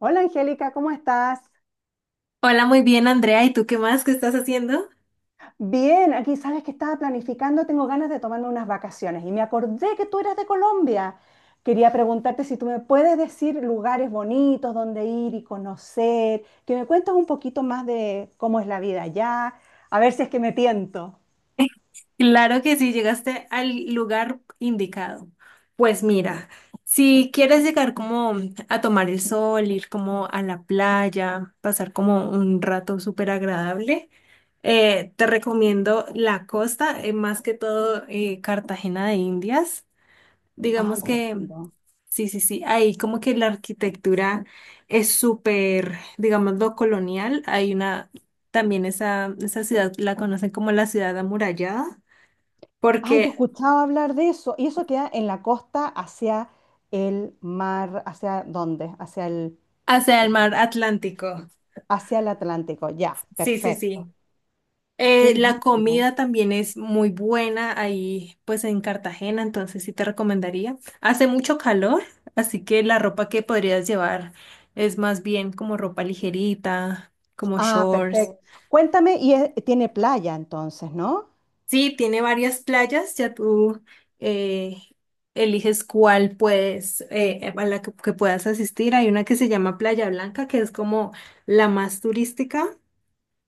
Hola Angélica, ¿cómo estás? Hola, muy bien, Andrea. ¿Y tú qué más? ¿Qué estás haciendo? Bien, aquí sabes que estaba planificando, tengo ganas de tomarme unas vacaciones y me acordé que tú eras de Colombia. Quería preguntarte si tú me puedes decir lugares bonitos donde ir y conocer, que me cuentes un poquito más de cómo es la vida allá, a ver si es que me tiento. Claro que sí, llegaste al lugar indicado. Pues mira, si quieres llegar como a tomar el sol, ir como a la playa, pasar como un rato súper agradable, te recomiendo la costa, más que todo Cartagena de Indias. Ay, Digamos qué que lindo. sí, sí, sí. Ahí como que la arquitectura es súper, digámoslo, colonial. Hay una, también esa ciudad la conocen como la ciudad amurallada, Ay, yo porque escuchaba hablar de eso y eso queda en la costa hacia el mar, ¿hacia dónde? Hacia el el- mar Atlántico. Hacia el Atlántico. Ya, Sí, sí, perfecto. sí. Qué La lindo. comida también es muy buena ahí, pues en Cartagena, entonces sí te recomendaría. Hace mucho calor, así que la ropa que podrías llevar es más bien como ropa ligerita, como Ah, shorts. perfecto. Cuéntame, y tiene playa entonces, ¿no? Sí, tiene varias playas, ya tú eh, eliges cuál puedes, a la que puedas asistir. Hay una que se llama Playa Blanca, que es como la más turística,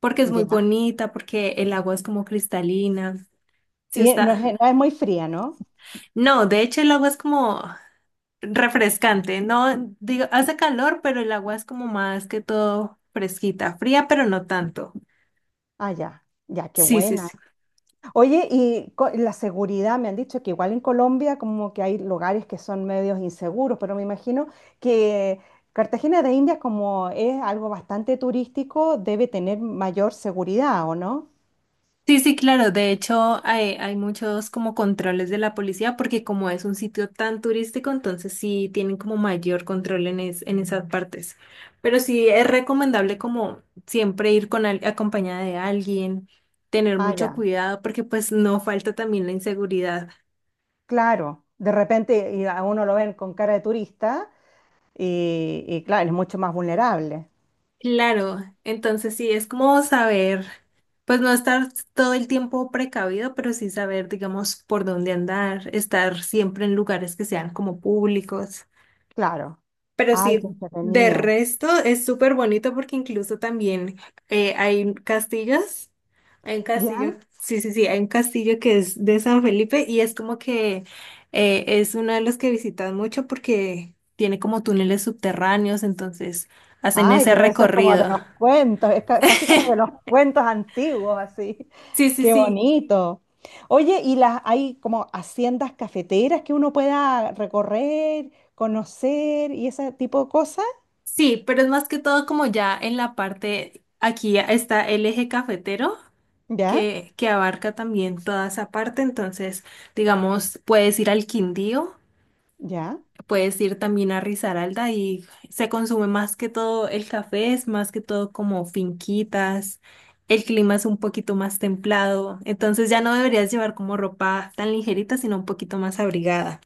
porque es muy Ya. bonita, porque el agua es como cristalina. Sí Y no es, está. no es muy fría, ¿no? No, de hecho el agua es como refrescante, no, digo, hace calor, pero el agua es como más que todo fresquita, fría, pero no tanto. Ah, ya. Ya, qué Sí, sí, buena. sí. Oye, y la seguridad, me han dicho que igual en Colombia como que hay lugares que son medios inseguros, pero me imagino que Cartagena de Indias como es algo bastante turístico, debe tener mayor seguridad, ¿o no? Sí, sí, claro. De hecho, hay muchos como controles de la policía porque como es un sitio tan turístico, entonces sí tienen como mayor control en, en esas partes. Pero sí es recomendable como siempre ir con acompañada de alguien, tener Ah, mucho ya. cuidado porque pues no falta también la inseguridad. Claro. De repente y a uno lo ven con cara de turista y claro, es mucho más vulnerable. Claro, entonces sí es como saber, pues no estar todo el tiempo precavido, pero sí saber, digamos, por dónde andar, estar siempre en lugares que sean como públicos. Claro. Pero Ay, sí, qué de entretenido. resto es súper bonito porque incluso también hay castillos. Hay un ¿Ya? castillo, sí, sí, sí, hay un castillo que es de San Felipe y es como que es uno de los que visitan mucho porque tiene como túneles subterráneos, entonces hacen Ay, ese pero eso es como de recorrido. los cuentos, es casi como de los cuentos antiguos, así. Sí, sí, Qué sí, bonito. Oye, ¿y las hay como haciendas cafeteras que uno pueda recorrer, conocer y ese tipo de cosas? sí, pero es más que todo como ya en la parte, aquí está el eje cafetero. ¿Ya? Que abarca también toda esa parte. Entonces, digamos, puedes ir al Quindío, ¿Ya? puedes ir también a Risaralda y se consume más que todo el café, es más que todo como finquitas. El clima es un poquito más templado, entonces ya no deberías llevar como ropa tan ligerita, sino un poquito más abrigada.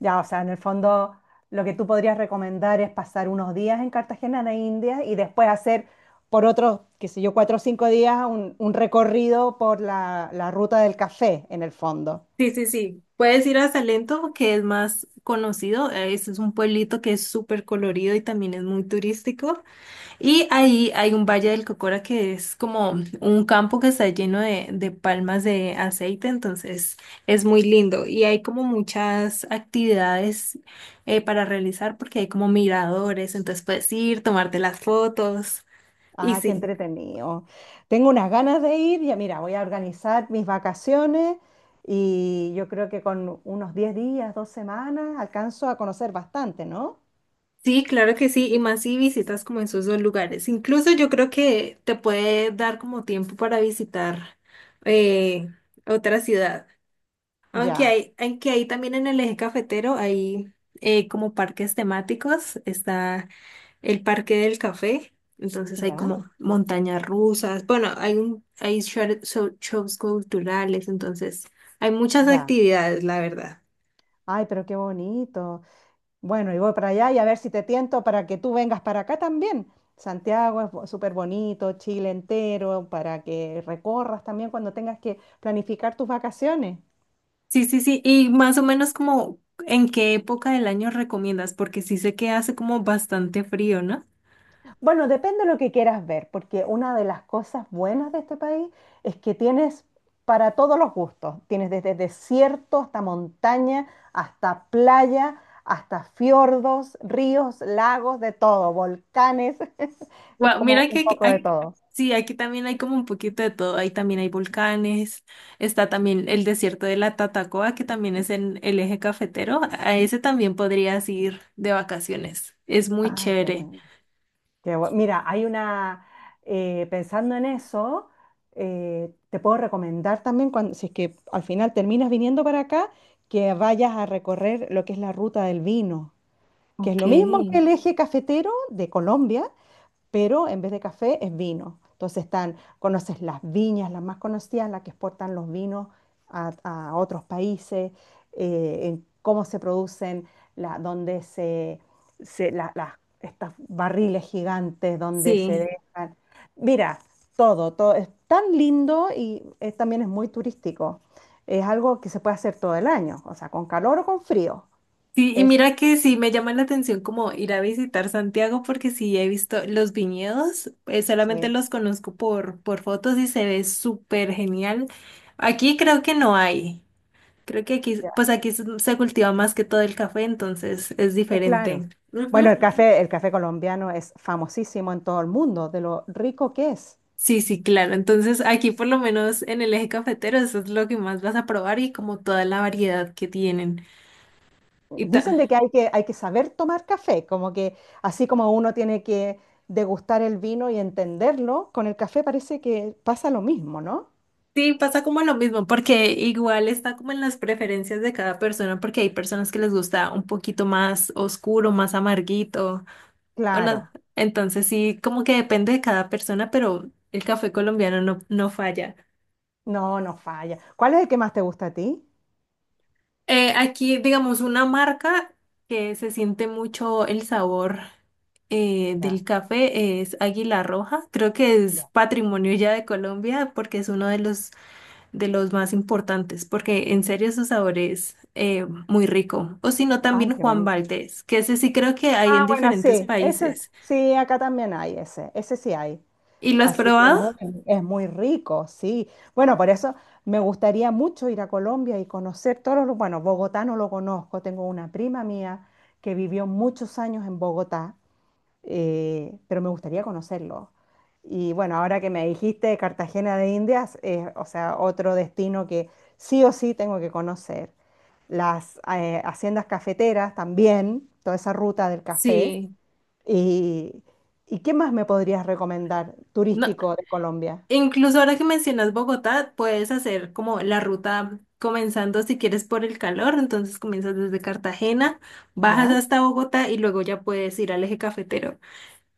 Ya, o sea, en el fondo lo que tú podrías recomendar es pasar unos días en Cartagena de Indias y después hacer por otros, qué sé yo, 4 o 5 días un recorrido por la ruta del café, en el fondo. Sí, sí, sí. Puedes ir a Salento, que es más conocido. Ese es un pueblito que es súper colorido y también es muy turístico. Y ahí hay un valle del Cocora que es como un campo que está lleno de palmas de aceite, entonces es muy lindo. Y hay como muchas actividades para realizar porque hay como miradores, entonces puedes ir, tomarte las fotos y Ah, qué sí. entretenido. Tengo unas ganas de ir, ya mira, voy a organizar mis vacaciones y yo creo que con unos 10 días, 2 semanas, alcanzo a conocer bastante, ¿no? Sí, claro que sí, y más si visitas como esos dos lugares. Incluso yo creo que te puede dar como tiempo para visitar eh, otra ciudad. Aunque Ya, hay, aunque ahí también en el eje cafetero hay como parques temáticos, está el Parque del Café, entonces hay ya, como montañas rusas, bueno, hay un, hay shows culturales, entonces hay muchas ya. actividades, la verdad. Ay, pero qué bonito. Bueno, y voy para allá y a ver si te tiento para que tú vengas para acá también. Santiago es súper bonito, Chile entero, para que recorras también cuando tengas que planificar tus vacaciones. Sí, sí, sí, y más o menos como en qué época del año recomiendas, porque sí sé que hace como bastante frío, ¿no? Bueno, depende de lo que quieras ver, porque una de las cosas buenas de este país es que tienes para todos los gustos. Tienes desde desierto hasta montaña, hasta playa, hasta fiordos, ríos, lagos, de todo, volcanes. Es Wow, como mira que un poco de todo. sí, aquí también hay como un poquito de todo. Ahí también hay volcanes. Está también el desierto de la Tatacoa, que también es en el eje cafetero. A ese también podrías ir de vacaciones. Es muy Ay, qué chévere. bueno. Mira, pensando en eso, te puedo recomendar también, cuando, si es que al final terminas viniendo para acá, que vayas a recorrer lo que es la ruta del vino. Que es lo mismo que el Ok. eje cafetero de Colombia, pero en vez de café es vino. Entonces están, conoces las viñas, las más conocidas, las que exportan los vinos a otros países, en cómo se producen, donde estos barriles gigantes, donde se Sí, dejan. Mira, todo es tan lindo y también es muy turístico. Es algo que se puede hacer todo el año, o sea, con calor o con frío. sí, y Es, mira que sí me llama la atención como ir a visitar Santiago porque sí he visto los viñedos, solamente sí. los conozco por fotos y se ve súper genial. Aquí creo que no hay. Creo que aquí, pues aquí se cultiva más que todo el café, entonces es Claro. diferente. Bueno, Ujú. el café, colombiano es famosísimo en todo el mundo, de lo rico que es. Sí, sí, claro. Entonces aquí por lo menos en el eje cafetero eso es lo que más vas a probar y como toda la variedad que tienen. Y Dicen ta- de que hay que saber tomar café, como que así como uno tiene que degustar el vino y entenderlo, con el café parece que pasa lo mismo, ¿no? sí, pasa como lo mismo, porque igual está como en las preferencias de cada persona, porque hay personas que les gusta un poquito más oscuro, más amarguito. O no. Claro, Entonces sí, como que depende de cada persona, pero el café colombiano no, no falla. no, no falla. ¿Cuál es el que más te gusta a ti? Aquí, digamos, una marca que se siente mucho el sabor Ya, del café es Águila Roja. Creo que es ya. patrimonio ya de Colombia porque es uno de los más importantes, porque en serio su sabor es muy rico. O si no, Ay, también qué Juan bonito. Valdez, que ese sí creo que hay en Ah, bueno, diferentes sí, ese, países. sí, acá también hay ese, ese sí hay. ¿Y lo has Así que probado? no, es muy rico, sí. Bueno, por eso me gustaría mucho ir a Colombia y conocer Bueno, Bogotá no lo conozco, tengo una prima mía que vivió muchos años en Bogotá, pero me gustaría conocerlo. Y bueno, ahora que me dijiste Cartagena de Indias, o sea, otro destino que sí o sí tengo que conocer. Las haciendas cafeteras también, toda esa ruta del café. Sí. ¿Y, ¿y qué más me podrías recomendar No, turístico de Colombia? incluso ahora que mencionas Bogotá, puedes hacer como la ruta comenzando si quieres por el calor, entonces comienzas desde Cartagena, bajas ¿Ya? hasta Bogotá y luego ya puedes ir al eje cafetero.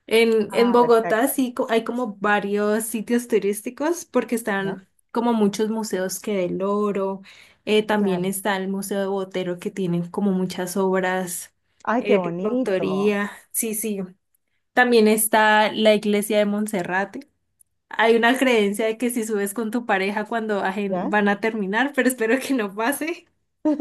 En Ah, Bogotá perfecto. sí hay como varios sitios turísticos porque ¿Ya? están como muchos museos que del oro, también Claro. está el Museo de Botero que tienen como muchas obras Ay, qué de bonito. autoría, sí, sí. También está la iglesia de Monserrate. Hay una creencia de que si subes con tu pareja cuando ¿Ya? van a terminar, pero espero que no pase.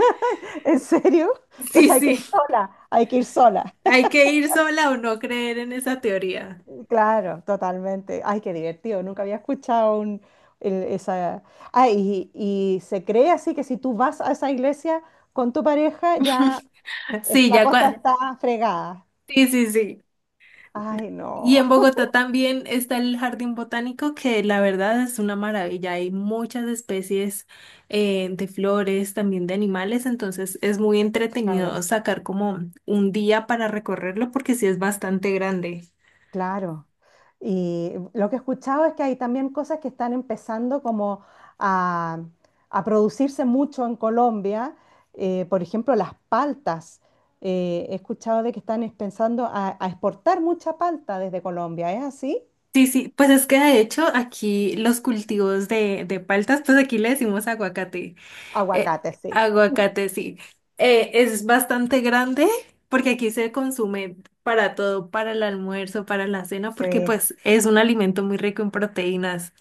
¿En serio? Entonces Sí, hay que ir sí. sola, hay que ir sola. Hay que ir sola o no creer en esa teoría. Claro, totalmente. Ay, qué divertido. Nunca había escuchado el- esa... Ah, y se cree así que si tú vas a esa iglesia con tu pareja, ya Sí, la cosa está fregada. sí, sí, sí. Ay, Y no. en Bogotá también está el jardín botánico, que la verdad es una maravilla. Hay muchas especies de flores, también de animales, entonces es muy Claro. entretenido sacar como un día para recorrerlo porque sí es bastante grande. Claro. Y lo que he escuchado es que hay también cosas que están empezando como a, a producirse mucho en Colombia. Por ejemplo, las paltas. He escuchado de que están pensando a exportar mucha palta desde Colombia. ¿Es así? Sí, sí, pues es que de hecho aquí los cultivos de paltas, pues aquí le decimos aguacate. Eh, Aguacate, sí. Aguacate, sí. Es bastante grande porque aquí se consume para todo, para el almuerzo, para la cena, porque Sí, pues es un alimento muy rico en proteínas.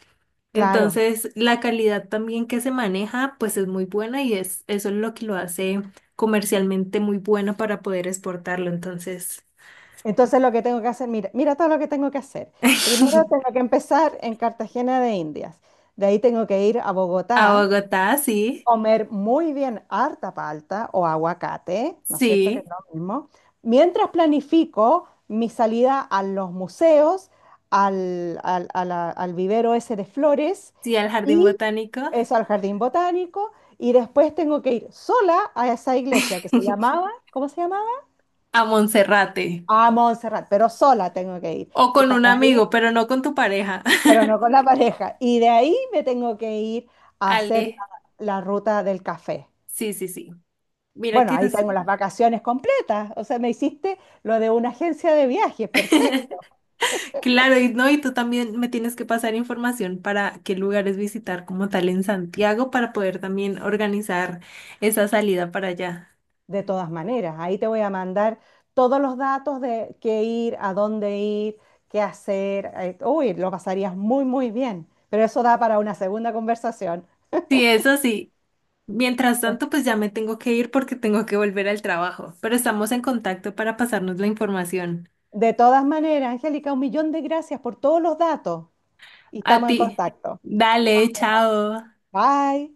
claro. Entonces, la calidad también que se maneja, pues es muy buena y es, eso es lo que lo hace comercialmente muy bueno para poder exportarlo. Entonces, Entonces lo que tengo que hacer, mira, mira todo lo que tengo que hacer. Primero tengo que empezar en Cartagena de Indias. De ahí tengo que ir a a Bogotá Bogotá, sí, comer muy bien harta palta o aguacate, ¿no es cierto que es sí. lo mismo? Mientras planifico mi salida a los museos, al vivero ese de flores Sí, al jardín y botánico, eso al jardín botánico, y después tengo que ir sola a esa iglesia que se llamaba, ¿cómo se llamaba? a Monserrate, A Montserrat, pero sola tengo que ir. o Y con un para amigo, ir, pero no con tu pareja. pero no con la pareja. Y de ahí me tengo que ir a hacer la Ale, la ruta del café. sí, sí, sí. Mira Bueno, que ahí es... tengo las vacaciones completas. O sea, me hiciste lo de una agencia de viajes, perfecto. Claro, y no, y tú también me tienes que pasar información para qué lugares visitar como tal en Santiago para poder también organizar esa salida para allá. De todas maneras, ahí te voy a mandar todos los datos de qué ir, a dónde ir, qué hacer. Uy, lo pasarías muy, muy bien. Pero eso da para una segunda conversación. Sí, eso sí. Mientras Bueno, tanto, pues ya me tengo que ir porque tengo que volver al trabajo, pero estamos en contacto para pasarnos la información. de todas maneras, Angélica, un millón de gracias por todos los datos y A estamos en ti. contacto. Dale, chao. Bye.